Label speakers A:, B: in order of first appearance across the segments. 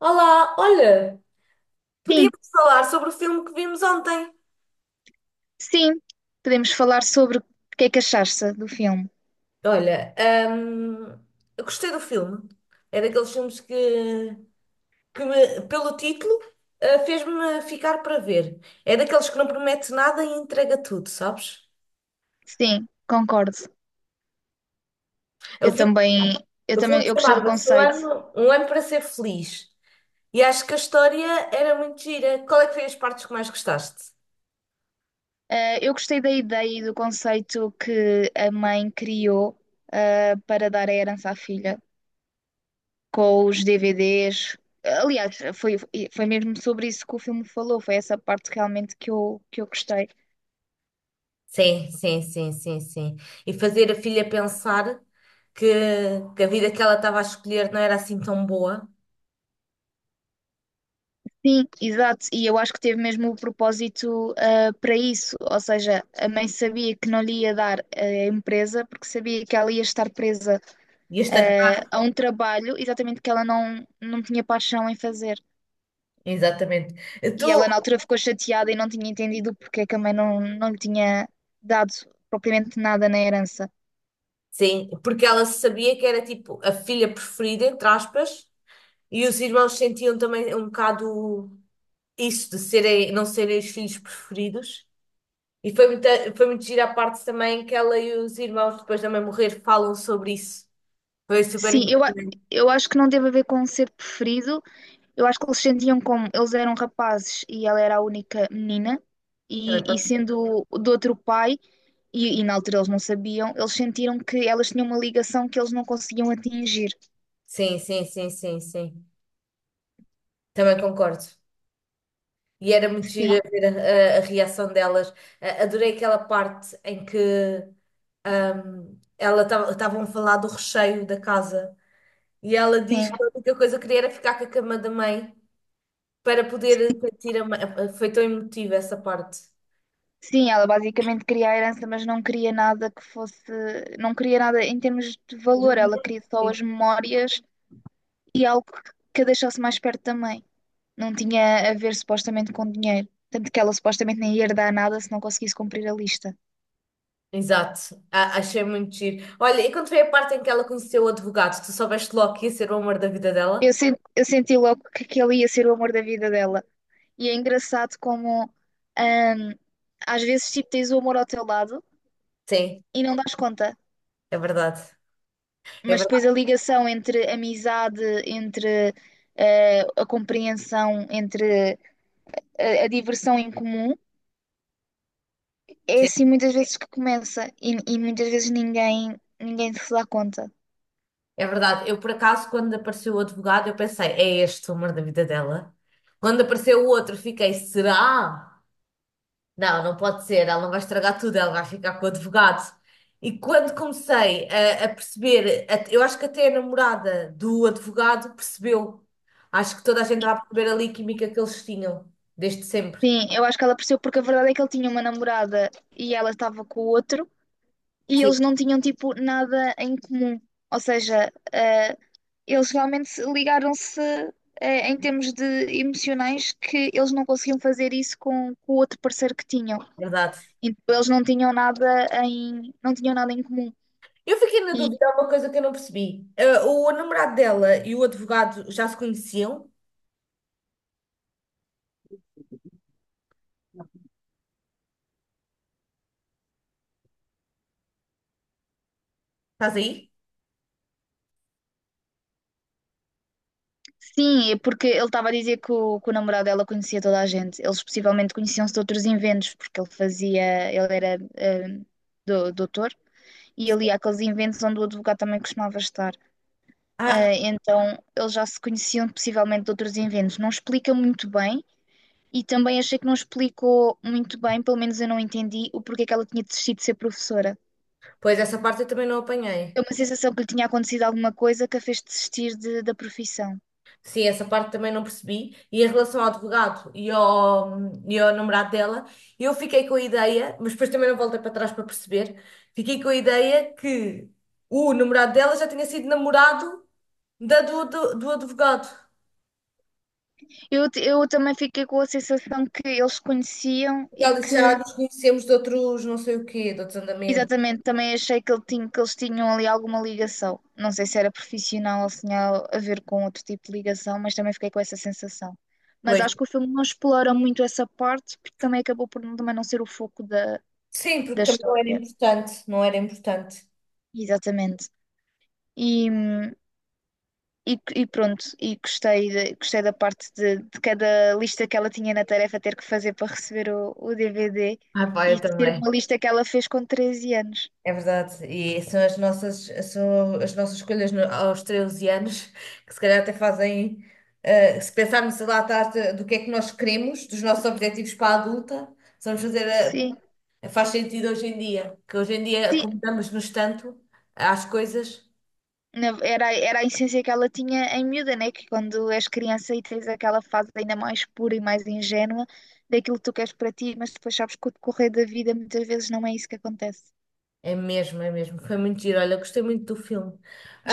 A: Olá, olha,
B: Sim,
A: podíamos falar sobre o filme que vimos ontem.
B: sim. Podemos falar sobre o que é que achaste do filme.
A: Olha, hum, eu gostei do filme. É daqueles filmes que pelo título, fez-me ficar para ver. É daqueles que não promete nada e entrega tudo, sabes?
B: Sim, concordo.
A: O
B: Eu
A: filme,
B: também, eu
A: o
B: também,
A: filme
B: eu gostei do
A: chamava-se Um
B: conceito.
A: Ano, Um Ano Para Ser Feliz. E acho que a história era muito gira. Qual é que foi as partes que mais gostaste?
B: Eu gostei da ideia e do conceito que a mãe criou, para dar a herança à filha, com os DVDs. Aliás, foi mesmo sobre isso que o filme falou. Foi essa parte realmente que eu gostei.
A: Sim, sim, sim, sim, sim. E fazer a filha pensar que, que a vida que ela estava a escolher não era assim tão boa.
B: Sim, exato, e eu acho que teve mesmo o propósito para isso, ou seja, a mãe sabia que não lhe ia dar a empresa porque sabia que ela ia estar presa
A: E esta...
B: a um trabalho exatamente que ela não tinha paixão em fazer.
A: Exatamente. Tu...
B: E ela na altura ficou chateada e não tinha entendido porque é que a mãe não lhe tinha dado propriamente nada na herança.
A: Sim, porque ela sabia que era tipo a filha preferida, entre aspas, e os irmãos sentiam também um bocado isso de não serem os filhos preferidos. E foi muito gira a parte também que ela e os irmãos, depois da mãe morrer, falam sobre isso. Foi super
B: Sim,
A: importante.
B: eu acho que não teve a ver com um ser preferido. Eu acho que eles sentiam como eles eram rapazes e ela era a única menina, e,
A: Também
B: e
A: pode ser.
B: sendo do outro pai, e na altura eles não sabiam, eles sentiram que elas tinham uma ligação que eles não conseguiam atingir.
A: Sim, sim, sim, sim, sim. Também concordo. E era muito
B: Sim,
A: giro a ver a reação delas. A- adorei aquela parte em que ela estavam a falar do recheio da casa e ela
B: sim.
A: diz que a única coisa que queria era ficar com a cama da mãe para poder sentir a mãe. Foi tão emotiva essa parte.
B: Sim, ela basicamente queria a herança, mas não queria nada em termos de valor, ela queria só
A: Sim.
B: as memórias e algo que a deixasse mais perto também. Não tinha a ver supostamente com dinheiro, tanto que ela supostamente nem ia herdar nada se não conseguisse cumprir a lista.
A: Exato. A- achei muito giro. Olha, e quando foi a parte em que ela conheceu o advogado, tu soubeste logo que ia ser o amor da vida
B: Eu
A: dela?
B: senti, eu senti logo que aquele ia ser o amor da vida dela. E é engraçado como hum, às vezes tipo, tens o amor ao teu lado
A: Sim,
B: e não dás conta.
A: é verdade. É
B: Mas depois a
A: verdade.
B: ligação entre amizade, entre a compreensão, entre a diversão em comum, é assim muitas vezes que começa e muitas vezes ninguém se dá conta.
A: É verdade. Eu, por acaso, quando apareceu o advogado, eu pensei, é este o amor da vida dela. Quando apareceu o outro, fiquei, será? Não, não pode ser. Ela não vai estragar tudo, ela vai ficar com o advogado. E quando comecei a perceber, a- eu acho que até a namorada do advogado percebeu. Acho que toda a gente estava a perceber ali a química que eles tinham, desde sempre.
B: Sim, eu acho que ela percebeu porque a verdade é que ele tinha uma namorada e ela estava com o outro. E
A: Sim,
B: eles não tinham tipo nada em comum. Ou seja, eles realmente ligaram-se em termos de emocionais que eles não conseguiam fazer isso com o outro parceiro que tinham.
A: verdade.
B: Então eles não tinham nada em comum.
A: Eu fiquei na
B: E
A: dúvida, há uma coisa que eu não percebi. O namorado dela e o advogado já se conheciam? Estás aí?
B: sim, é porque ele estava a dizer que o namorado dela conhecia toda a gente. Eles possivelmente conheciam-se de outros inventos, porque ele era doutor e ele ia àqueles inventos onde o advogado também costumava estar.
A: Ah,
B: Ah, então eles já se conheciam possivelmente de outros inventos. Não explica muito bem e também achei que não explicou muito bem, pelo menos eu não entendi o porquê que ela tinha desistido de ser professora.
A: pois essa parte eu também não apanhei.
B: É uma sensação que lhe tinha acontecido alguma coisa que a fez desistir da profissão.
A: Sim, essa parte também não percebi. E em relação ao advogado e ao namorado dela, eu fiquei com a ideia, mas depois também não voltei para trás para perceber, fiquei com a ideia que o namorado dela já tinha sido namorado do advogado.
B: Eu também fiquei com a sensação que eles se conheciam e
A: Ela disse, já
B: que
A: nos conhecemos de outros não sei o quê, de outros andamentos.
B: Exatamente, também achei que eles tinham ali alguma ligação. Não sei se era profissional ou se tinha a ver com outro tipo de ligação, mas também fiquei com essa sensação. Mas
A: Pois.
B: acho que o filme não explora muito essa parte, porque também acabou por também não ser o foco da,
A: Sim, porque
B: da
A: também
B: história.
A: não era importante.
B: Exatamente. E, hum, e, e, pronto, e gostei da parte de cada lista que ela tinha na tarefa ter que fazer para receber o DVD
A: Ah, pá,
B: e
A: eu
B: de ter
A: também.
B: uma lista que ela fez com 13 anos.
A: É verdade, e são as nossas escolhas no- aos 13 anos que se calhar até fazem, se pensarmos lá atrás de- do que é que nós queremos, dos nossos objetivos para a adulta, se vamos fazer,
B: Sim.
A: a- faz sentido hoje em dia, que hoje em dia
B: Sim,
A: acomodamos-nos tanto às coisas,
B: Era, a essência que ela tinha em miúda, né? Que quando és criança e tens aquela fase ainda mais pura e mais ingênua daquilo que tu queres para ti, mas depois sabes que o decorrer da vida muitas vezes não é isso que acontece.
A: é mesmo, foi muito giro, olha, gostei muito do filme.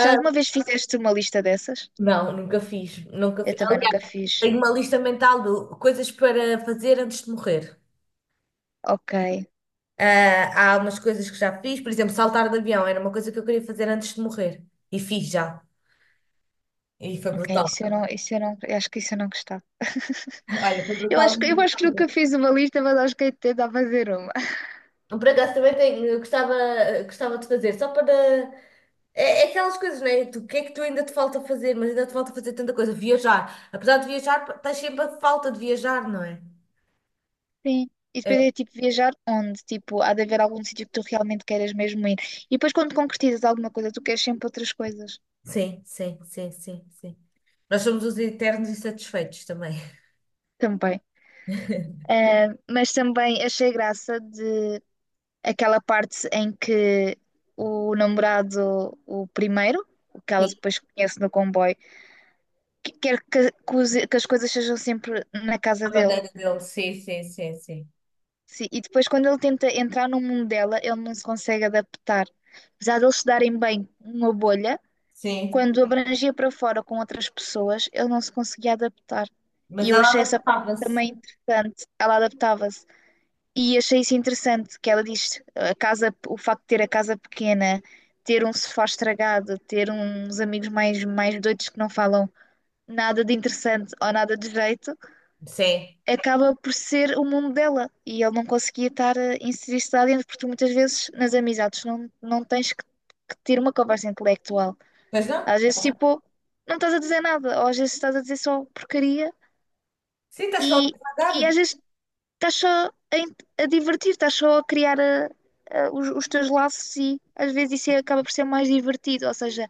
B: Já alguma vez fizeste uma lista dessas?
A: nunca
B: Eu
A: fiz,
B: também nunca
A: aliás,
B: fiz.
A: tenho uma lista mental de coisas para fazer antes de morrer.
B: Ok,
A: Ah, há umas coisas que já fiz, por exemplo, saltar de avião era uma coisa que eu queria fazer antes de morrer e fiz já. E foi
B: ok,
A: brutal.
B: isso eu não, eu acho que isso eu não gostava.
A: Olha, foi
B: Eu
A: brutal.
B: acho que, eu acho que nunca fiz uma lista, mas acho que hei de tentar fazer uma.
A: Por acaso também tenho, gostava de fazer, só para. É, é aquelas coisas, né? Tu, o que é que tu ainda te falta fazer? Mas ainda te falta fazer tanta coisa. Viajar. Apesar de viajar, estás sempre a falta de viajar, não é?
B: Sim. E
A: É,
B: depois é tipo viajar onde? Tipo, há de haver algum sítio que tu realmente queiras mesmo ir. E depois quando concretizas alguma coisa, tu queres sempre outras coisas
A: sim, sim, sim, sim, sim. Nós somos os eternos insatisfeitos também.
B: também. Ah, mas também achei graça de aquela parte em que o namorado, o primeiro, o que ela
A: Sim,
B: depois conhece no comboio, quer que as coisas sejam sempre na casa
A: à
B: dele.
A: maneira dele. Sim, sim, sim, sim.
B: Sim. E depois quando ele tenta entrar no mundo dela, ele não se consegue adaptar. Apesar de eles se darem bem numa bolha.
A: Sim.
B: Quando abrangia para fora com outras pessoas, ele não se conseguia adaptar.
A: Mas
B: E eu
A: ela
B: achei essa parte
A: adaptava-se.
B: também interessante. Ela adaptava-se. E achei isso interessante, que ela diz, a casa, o facto de ter a casa pequena, ter um sofá estragado, ter uns amigos mais doidos que não falam nada de interessante ou nada de jeito,
A: Sim.
B: acaba por ser o mundo dela. E ele não conseguia estar a inserir-se lá dentro, porque tu muitas vezes nas amizades não tens que ter uma conversa intelectual
A: Pois não?
B: às vezes, tipo, não estás a dizer nada, ou às vezes estás a dizer só porcaria
A: Sim, estás só a
B: e,
A: devagar.
B: e às vezes estás só a divertir, estás só a criar os teus laços e às vezes isso é, acaba por ser mais divertido, ou seja,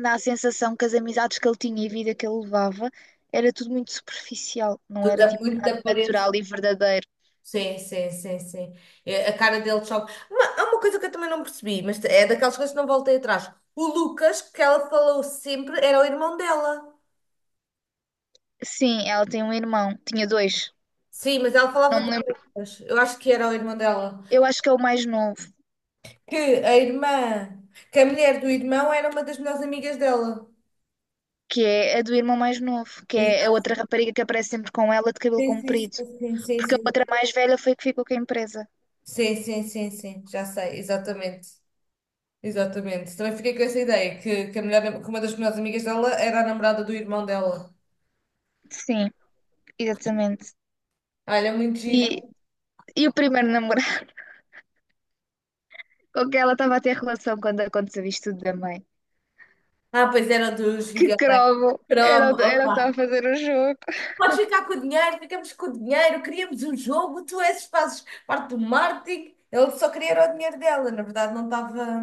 B: dá a sensação que as amizades que ele tinha e a vida que ele levava era tudo muito superficial, não
A: Tudo
B: era
A: a
B: tipo
A: muito
B: nada
A: da parede.
B: natural e verdadeiro.
A: Sim, sim, sim, sim. É, a cara dele choca. Há uma coisa que eu também não percebi, mas é daquelas coisas que não voltei atrás. O Lucas, que ela falou sempre, era o irmão dela.
B: Sim, ela tem um irmão, tinha dois,
A: Sim, mas ela falava
B: não
A: do
B: me lembro.
A: Lucas. Eu acho que era o irmão dela.
B: Eu acho que é o mais novo,
A: Que a irmã, que a mulher do irmão era uma das melhores amigas dela.
B: que é a do irmão mais novo, que é a
A: Exato.
B: outra rapariga que aparece sempre com ela de cabelo
A: Sim, sim,
B: comprido.
A: sim, sim, sim,
B: Porque a outra
A: sim.
B: mais velha foi que ficou com a empresa.
A: Sim, sim, sim, sim. Já sei, exatamente. Exatamente. Também fiquei com essa ideia, a melhor, que uma das melhores amigas dela era a namorada do irmão dela.
B: Sim, exatamente.
A: Olha, muito
B: E,
A: giro.
B: e o primeiro namorado com que ela estava a ter relação quando aconteceu isto tudo da mãe.
A: Ah, pois era dos
B: Que
A: videogames.
B: crovo! Era,
A: Cromo,
B: o era o que estava a
A: opa.
B: fazer o jogo.
A: Podes ficar com o dinheiro, ficamos com o dinheiro, queríamos um jogo, fazes parte do marketing. Ele só queria era o dinheiro dela, na verdade não estava.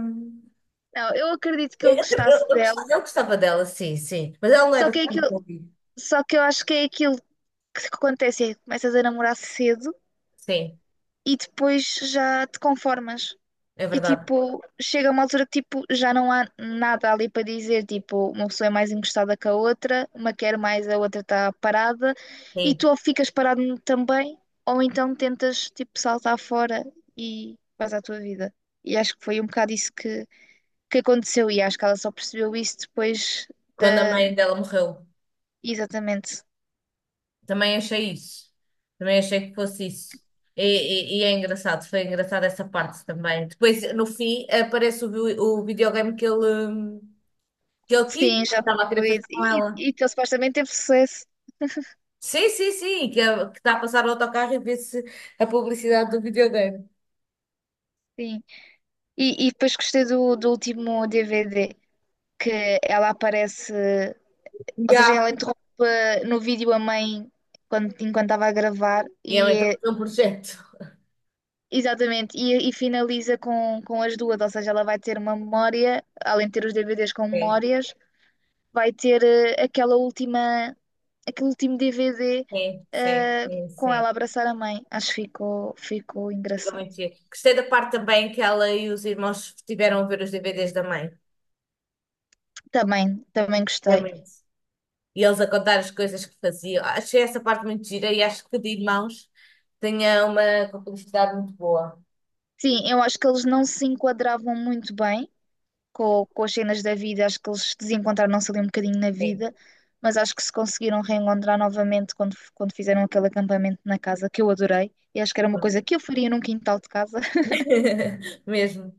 B: Não, eu acredito que ele gostasse dela,
A: Eu gostava dela, sim, sim. Mas ela não
B: só
A: era
B: que, é
A: super
B: aquilo,
A: fofinha.
B: só que eu acho que é aquilo que acontece: é que começas a namorar cedo
A: Sim,
B: e depois já te conformas.
A: é
B: E
A: verdade.
B: tipo, chega uma altura que tipo, já não há nada ali para dizer. Tipo, uma pessoa é mais encostada que a outra, uma quer mais, a outra está parada, e tu
A: Sim.
B: ou ficas parado também, ou então tentas tipo saltar fora e vais à tua vida. E acho que foi um bocado isso que aconteceu, e acho que ela só percebeu isso depois
A: Quando a
B: da.
A: mãe dela morreu.
B: Exatamente.
A: Também achei isso. Também achei que fosse isso. E é engraçado, foi engraçado essa parte também. Depois, no fim, aparece o, vi- o videogame que ele quis,
B: Sim, já
A: estava a querer
B: concluído.
A: fazer com
B: E,
A: ela.
B: e, e que ele supostamente teve sucesso.
A: Sim, sim, sim, que, é- que está a passar o autocarro e vê-se a publicidade do videogame.
B: Sim. E depois gostei do último DVD que ela aparece. Ou seja,
A: Já.
B: ela interrompe no vídeo a mãe enquanto estava a gravar
A: E é então é um projeto.
B: exatamente, e finaliza com as duas, ou seja, ela vai ter uma memória, além de ter os DVDs com
A: Sim,
B: memórias, vai ter aquela última, aquele último DVD
A: sim, sim,
B: eh,
A: sim,
B: com ela
A: sim.
B: a abraçar a mãe. Acho que ficou
A: Fica
B: engraçado.
A: muito giro. Gostei da parte também que ela e os irmãos tiveram a ver os DVDs da mãe.
B: Também,
A: É
B: gostei.
A: muito. E eles a contar as coisas que faziam. Achei essa parte muito gira e acho que de irmãos tinha uma complicidade muito boa.
B: Sim, eu acho que eles não se enquadravam muito bem com as cenas da vida, acho que eles desencontraram-se ali um bocadinho na
A: Sim.
B: vida, mas acho que se conseguiram reencontrar novamente quando fizeram aquele acampamento na casa, que eu adorei, e acho que era uma coisa que eu faria num quintal de casa,
A: Mesmo,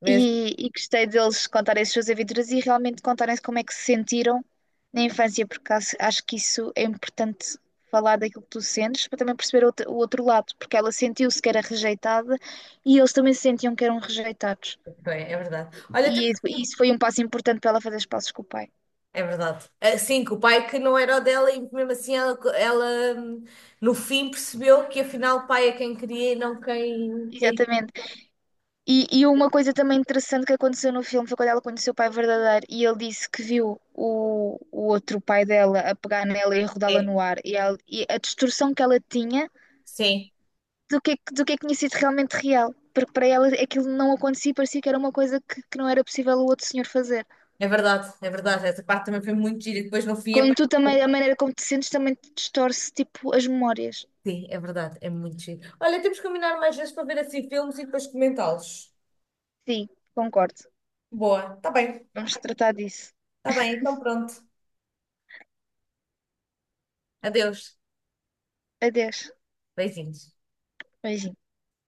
A: mesmo,
B: e gostei deles contarem as suas aventuras e realmente contarem como é que se sentiram na infância, porque acho que isso é importante. Falar daquilo que tu sentes para também perceber o outro lado, porque ela sentiu-se que era rejeitada e eles também se sentiam que eram rejeitados.
A: bem, é verdade. Olha,
B: E,
A: temos-
B: isso e isso foi um passo importante para ela fazer os passos com o pai.
A: é verdade. Assim que o pai que não era o dela e mesmo assim ela, hum, no fim percebeu que afinal o pai é quem queria e não quem
B: Exatamente. E uma coisa também interessante que aconteceu no filme foi quando ela conheceu o pai verdadeiro e ele disse que viu o outro pai dela a pegar nela e a rodá-la
A: é.
B: no ar e a distorção que ela tinha
A: Sim,
B: do que é que tinha sido realmente real. Porque para ela aquilo não acontecia e parecia que era uma coisa que não era possível o outro senhor fazer.
A: é verdade, é verdade. Essa parte também foi muito gira e depois no fim é.
B: Quando tu também, a maneira como te sentes também te distorce, tipo, as memórias.
A: Sim, é verdade, é muito giro. Olha, temos que combinar mais vezes para ver assim filmes e depois comentá-los.
B: Sim, concordo.
A: Boa,
B: Vamos tratar disso.
A: tá bem, então pronto. Adeus,
B: Adeus.
A: beijinhos.
B: Beijinhos.